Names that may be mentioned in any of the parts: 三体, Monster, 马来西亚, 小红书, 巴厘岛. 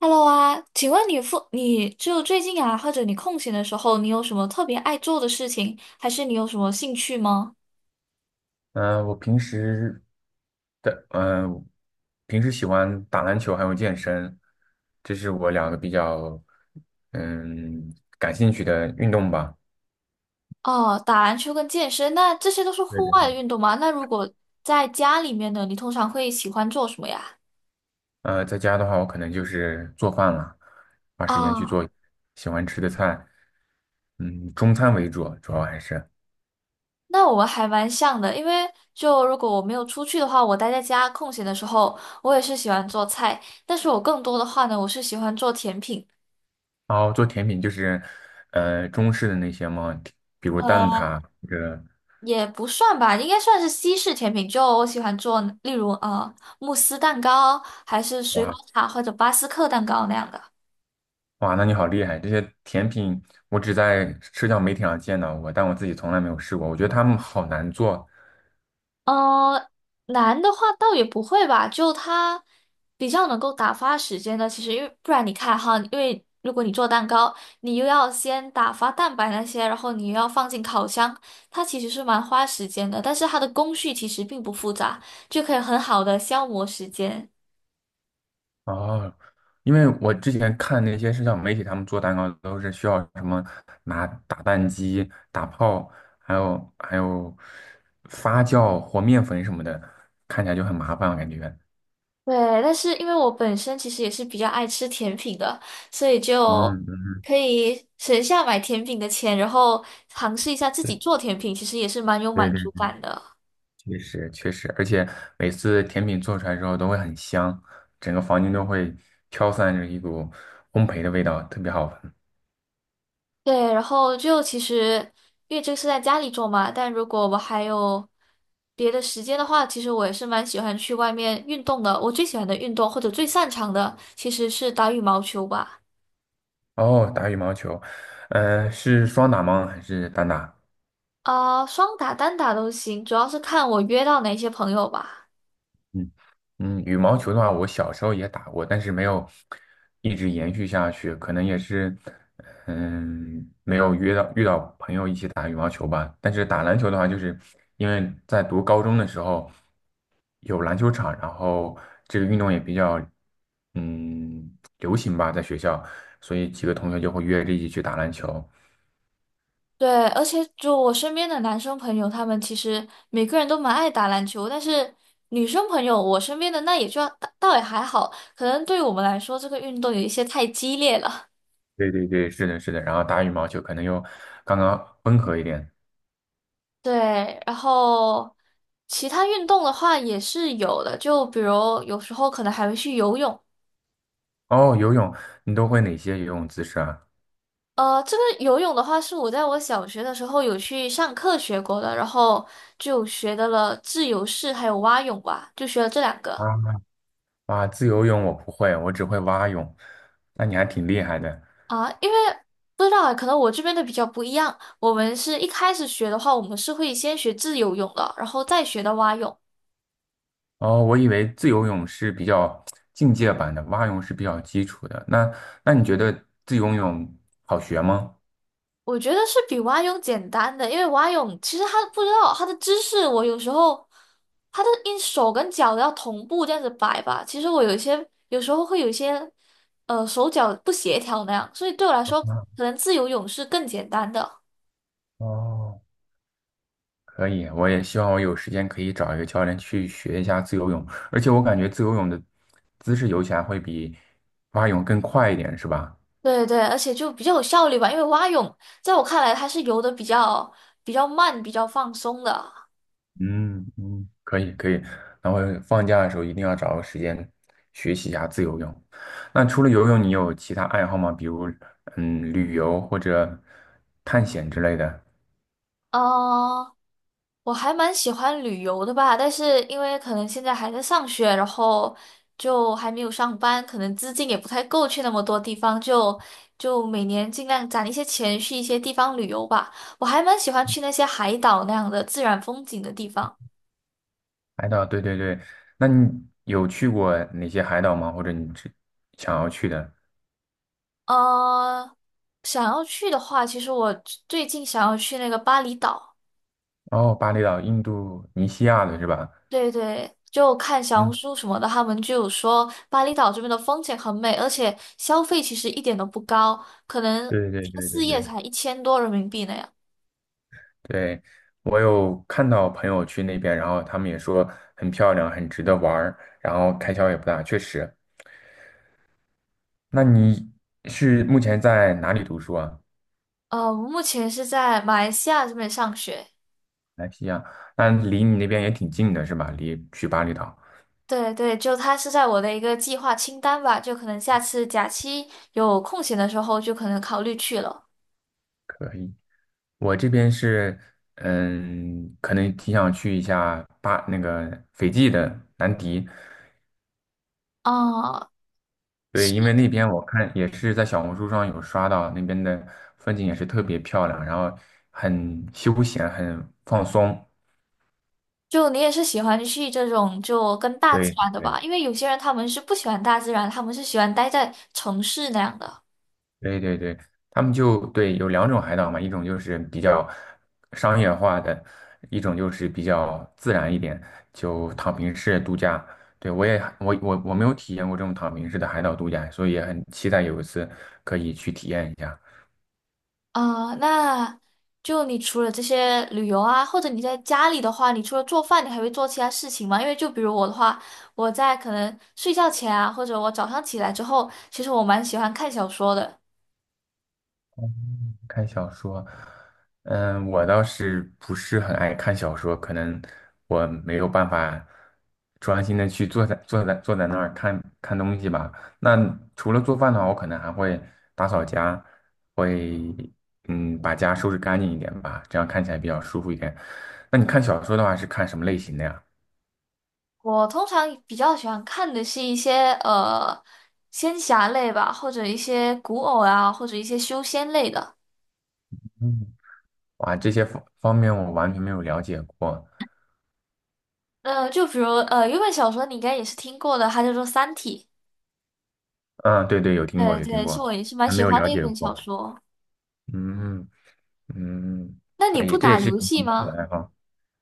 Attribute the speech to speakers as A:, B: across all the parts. A: Hello 啊，请问你就最近啊，或者你空闲的时候，你有什么特别爱做的事情，还是你有什么兴趣吗？
B: 嗯，我的嗯，平时喜欢打篮球还有健身，这是我两个比较嗯感兴趣的运动吧。
A: 哦，打篮球跟健身，那这些都是
B: 对
A: 户
B: 对
A: 外
B: 对。
A: 的运动吗？那如果在家里面呢，你通常会喜欢做什么呀？
B: 在家的话，我可能就是做饭了，花时间去
A: 啊，
B: 做喜欢吃的菜，中餐为主，主要还是。
A: 那我们还蛮像的，因为就如果我没有出去的话，我待在家空闲的时候，我也是喜欢做菜，但是我更多的话呢，我是喜欢做甜品。
B: 然后做甜品就是中式的那些嘛，比如蛋
A: 呃。
B: 挞或者。
A: 也不算吧，应该算是西式甜品。就我喜欢做，例如慕斯蛋糕，还是水果塔或者巴斯克蛋糕那样的。
B: 哇，那你好厉害！这些甜品我只在社交媒体上见到过，但我自己从来没有试过。我觉得他们好难做。
A: 呃，难的话倒也不会吧，就它比较能够打发时间的。其实因为不然你看哈，因为如果你做蛋糕，你又要先打发蛋白那些，然后你又要放进烤箱，它其实是蛮花时间的。但是它的工序其实并不复杂，就可以很好的消磨时间。
B: 哦，因为我之前看那些社交媒体，他们做蛋糕都是需要什么拿打蛋机、打泡，还有发酵和面粉什么的，看起来就很麻烦，我感觉。
A: 对，但是因为我本身其实也是比较爱吃甜品的，所以就
B: 嗯嗯，
A: 可以省下买甜品的钱，然后尝试一下自己做
B: 对
A: 甜品，其实也是蛮有
B: 对
A: 满
B: 对，
A: 足感的。
B: 确实确实，而且每次甜品做出来之后都会很香，整个房间都会飘散着一股烘焙的味道，特别好闻。
A: 对，然后就其实因为这个是在家里做嘛，但如果我还有别的时间的话，其实我也是蛮喜欢去外面运动的。我最喜欢的运动或者最擅长的其实是打羽毛球吧。
B: 哦，打羽毛球，是双打吗？还是单打？
A: 啊、双打、单打都行，主要是看我约到哪些朋友吧。
B: 嗯嗯，羽毛球的话，我小时候也打过，但是没有一直延续下去，可能也是，没有约到遇到朋友一起打羽毛球吧。但是打篮球的话，就是因为在读高中的时候有篮球场，然后这个运动也比较嗯流行吧，在学校，所以几个同学就会约着一起去打篮球。
A: 对，而且就我身边的男生朋友，他们其实每个人都蛮爱打篮球，但是女生朋友，我身边的那也就倒也还好，可能对我们来说，这个运动有一些太激烈了。
B: 对对对，是的，是的。然后打羽毛球可能又刚刚温和一点。
A: 对，然后其他运动的话也是有的，就比如有时候可能还会去游泳。
B: 哦，游泳，你都会哪些游泳姿势啊？
A: 这个游泳的话，是我在我小学的时候有去上课学过的，然后就学的了自由式还有蛙泳吧，就学了这两个。
B: 啊啊！自由泳我不会，我只会蛙泳。那你还挺厉害的
A: 啊，因为不知道啊，可能我这边的比较不一样。我们是一开始学的话，我们是会先学自由泳的，然后再学的蛙泳。
B: 哦。我以为自由泳是比较进阶版的，蛙泳是比较基础的。那你觉得自由泳好学吗？
A: 我觉得是比蛙泳简单的，因为蛙泳其实它不知道它的姿势，我有时候它的因手跟脚要同步这样子摆吧。其实我有一些有时候会有一些手脚不协调那样，所以对我来说，可能自由泳是更简单的。
B: 哦，可以，我也希望我有时间可以找一个教练去学一下自由泳。而且我感觉自由泳的姿势游起来会比蛙泳更快一点，是吧？
A: 对对，而且就比较有效率吧，因为蛙泳在我看来它是游的比较慢、比较放松的。
B: 嗯嗯，可以可以，然后放假的时候一定要找个时间学习一下自由泳。那除了游泳，你有其他爱好吗？比如旅游或者探险之类的。
A: 嗯，我还蛮喜欢旅游的吧，但是因为可能现在还在上学，然后就还没有上班，可能资金也不太够去那么多地方，就每年尽量攒一些钱去一些地方旅游吧。我还蛮喜欢去那些海岛那样的自然风景的地方。
B: 海岛，对对对，那你有去过哪些海岛吗？或者你只想要去的？
A: 呃，想要去的话，其实我最近想要去那个巴厘岛。
B: 哦，巴厘岛、印度尼西亚的是吧？
A: 对对，就看小红
B: 嗯，
A: 书什么的，他们就有说巴厘岛这边的风景很美，而且消费其实一点都不高，可能
B: 对对对对
A: 4夜
B: 对
A: 才1000多人民币那样。
B: 对，我有看到朋友去那边，然后他们也说很漂亮，很值得玩儿，然后开销也不大，确实。那你是目前在哪里读书啊？
A: 我目前是在马来西亚这边上学。
B: 马来西亚，那离你那边也挺近的是吧？离去巴厘岛，
A: 对对，就它是在我的一个计划清单吧，就可能下次假期有空闲的时候，就可能考虑去了。
B: 我这边是，可能挺想去一下巴那个斐济的南迪，
A: 啊、
B: 对，
A: 是，
B: 因为那边我看也是在小红书上有刷到那边的风景也是特别漂亮，然后很休闲，很放松，
A: 就你也是喜欢去这种就跟大自
B: 对
A: 然的
B: 对。
A: 吧？因为有些人他们是不喜欢大自然，他们是喜欢待在城市那样的。
B: 对对对，他们就对有两种海岛嘛，一种就是比较商业化的，一种就是比较自然一点，就躺平式度假。对，我也我我我没有体验过这种躺平式的海岛度假，所以也很期待有一次可以去体验一下。
A: 啊，那就你除了这些旅游啊，或者你在家里的话，你除了做饭，你还会做其他事情吗？因为就比如我的话，我在可能睡觉前啊，或者我早上起来之后，其实我蛮喜欢看小说的。
B: 看小说，我倒是不是很爱看小说，可能我没有办法专心的去坐在那儿看看东西吧。那除了做饭的话，我可能还会打扫家，会把家收拾干净一点吧，这样看起来比较舒服一点。那你看小说的话是看什么类型的呀？
A: 我通常比较喜欢看的是一些仙侠类吧，或者一些古偶啊，或者一些修仙类的。
B: 嗯，哇，这些方方面我完全没有了解过。
A: 就比如有一本小说你应该也是听过的，它叫做《三体》。
B: 嗯，对对，有听过
A: 对
B: 有听
A: 对，是
B: 过，
A: 我也是蛮
B: 还
A: 喜
B: 没有
A: 欢
B: 了
A: 的一
B: 解
A: 本小
B: 过。
A: 说。
B: 嗯。嗯，
A: 那你
B: 可
A: 不
B: 以，这也
A: 打
B: 是一
A: 游
B: 种
A: 戏
B: 不错
A: 吗？
B: 的爱好。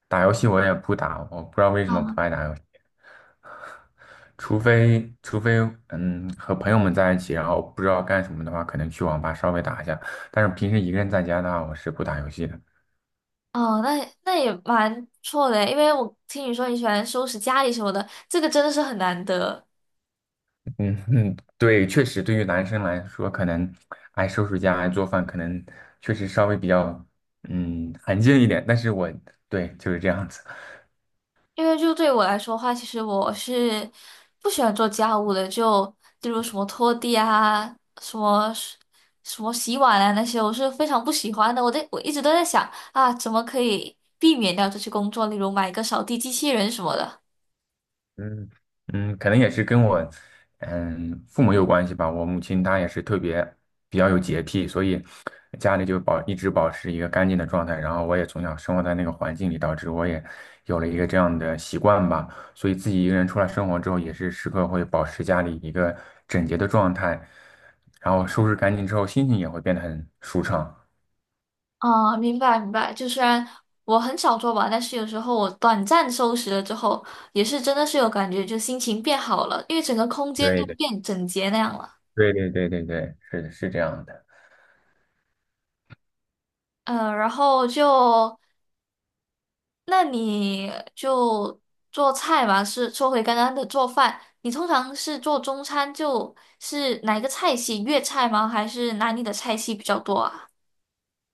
B: 打游戏我也不打，我不知道为什么不爱打游戏，除非和朋友们在一起，然后不知道干什么的话，可能去网吧稍微打一下。但是平时一个人在家的话，我是不打游戏的。
A: 哦，那也蛮不错的，因为我听你说你喜欢收拾家里什么的，这个真的是很难得。
B: 嗯嗯，对，确实对于男生来说，可能爱收拾家、爱做饭，可能确实稍微比较安静一点。但是我，对，就是这样子。
A: 因为就对我来说的话，其实我是不喜欢做家务的，就例如什么拖地啊，什么什么洗碗啊那些，我是非常不喜欢的。我在我一直都在想啊，怎么可以避免掉这些工作，例如买一个扫地机器人什么的。
B: 嗯嗯，可能也是跟我父母有关系吧。我母亲她也是特别比较有洁癖，所以家里就一直保持一个干净的状态。然后我也从小生活在那个环境里，导致我也有了一个这样的习惯吧。所以自己一个人出来生活之后，也是时刻会保持家里一个整洁的状态，然后收拾干净之后，心情也会变得很舒畅。
A: 啊，明白明白。就虽然我很少做吧，但是有时候我短暂收拾了之后，也是真的是有感觉，就心情变好了，因为整个空间就
B: 对的，
A: 变整洁那样了。
B: 对对对对对，是的，是这样的。
A: 嗯，然后就那你就做菜嘛，是说回刚刚的做饭，你通常是做中餐，就是哪一个菜系？粤菜吗？还是哪里的菜系比较多啊？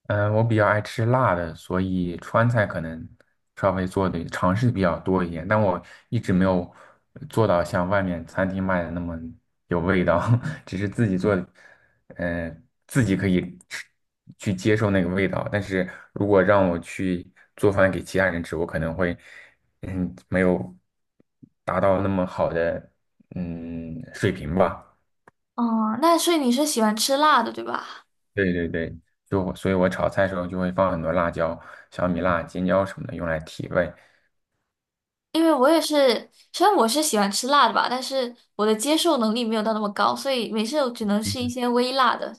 B: 嗯，我比较爱吃辣的，所以川菜可能稍微做的尝试比较多一点，但我一直没有做到像外面餐厅卖的那么有味道，只是自己做，自己可以吃去接受那个味道。但是如果让我去做饭给其他人吃，我可能会，没有达到那么好的水平吧。
A: 哦、那所以你是喜欢吃辣的，对吧？
B: 对对对，就所以，我炒菜的时候就会放很多辣椒、小米辣、尖椒什么的，用来提味。
A: 因为我也是，虽然我是喜欢吃辣的吧，但是我的接受能力没有到那么高，所以每次我只能吃一些微辣的。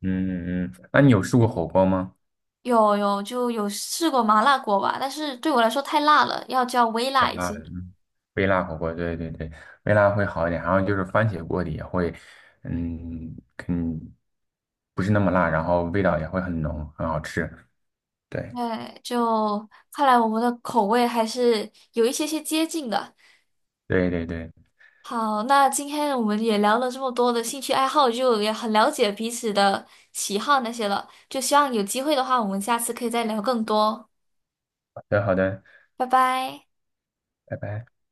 B: 嗯嗯，那你有试过火锅吗？
A: 有试过麻辣锅吧，但是对我来说太辣了，要叫微
B: 太
A: 辣一
B: 辣
A: 些。
B: 了，微辣火锅，对对对，微辣会好一点。然后就是番茄锅底也会，嗯嗯，不是那么辣，然后味道也会很浓，很好吃。对
A: 对，就看来我们的口味还是有一些些接近的。
B: 对对对，
A: 好，那今天我们也聊了这么多的兴趣爱好，就也很了解彼此的喜好那些了。就希望有机会的话，我们下次可以再聊更多。
B: 好的好的，
A: 拜拜。
B: 拜拜。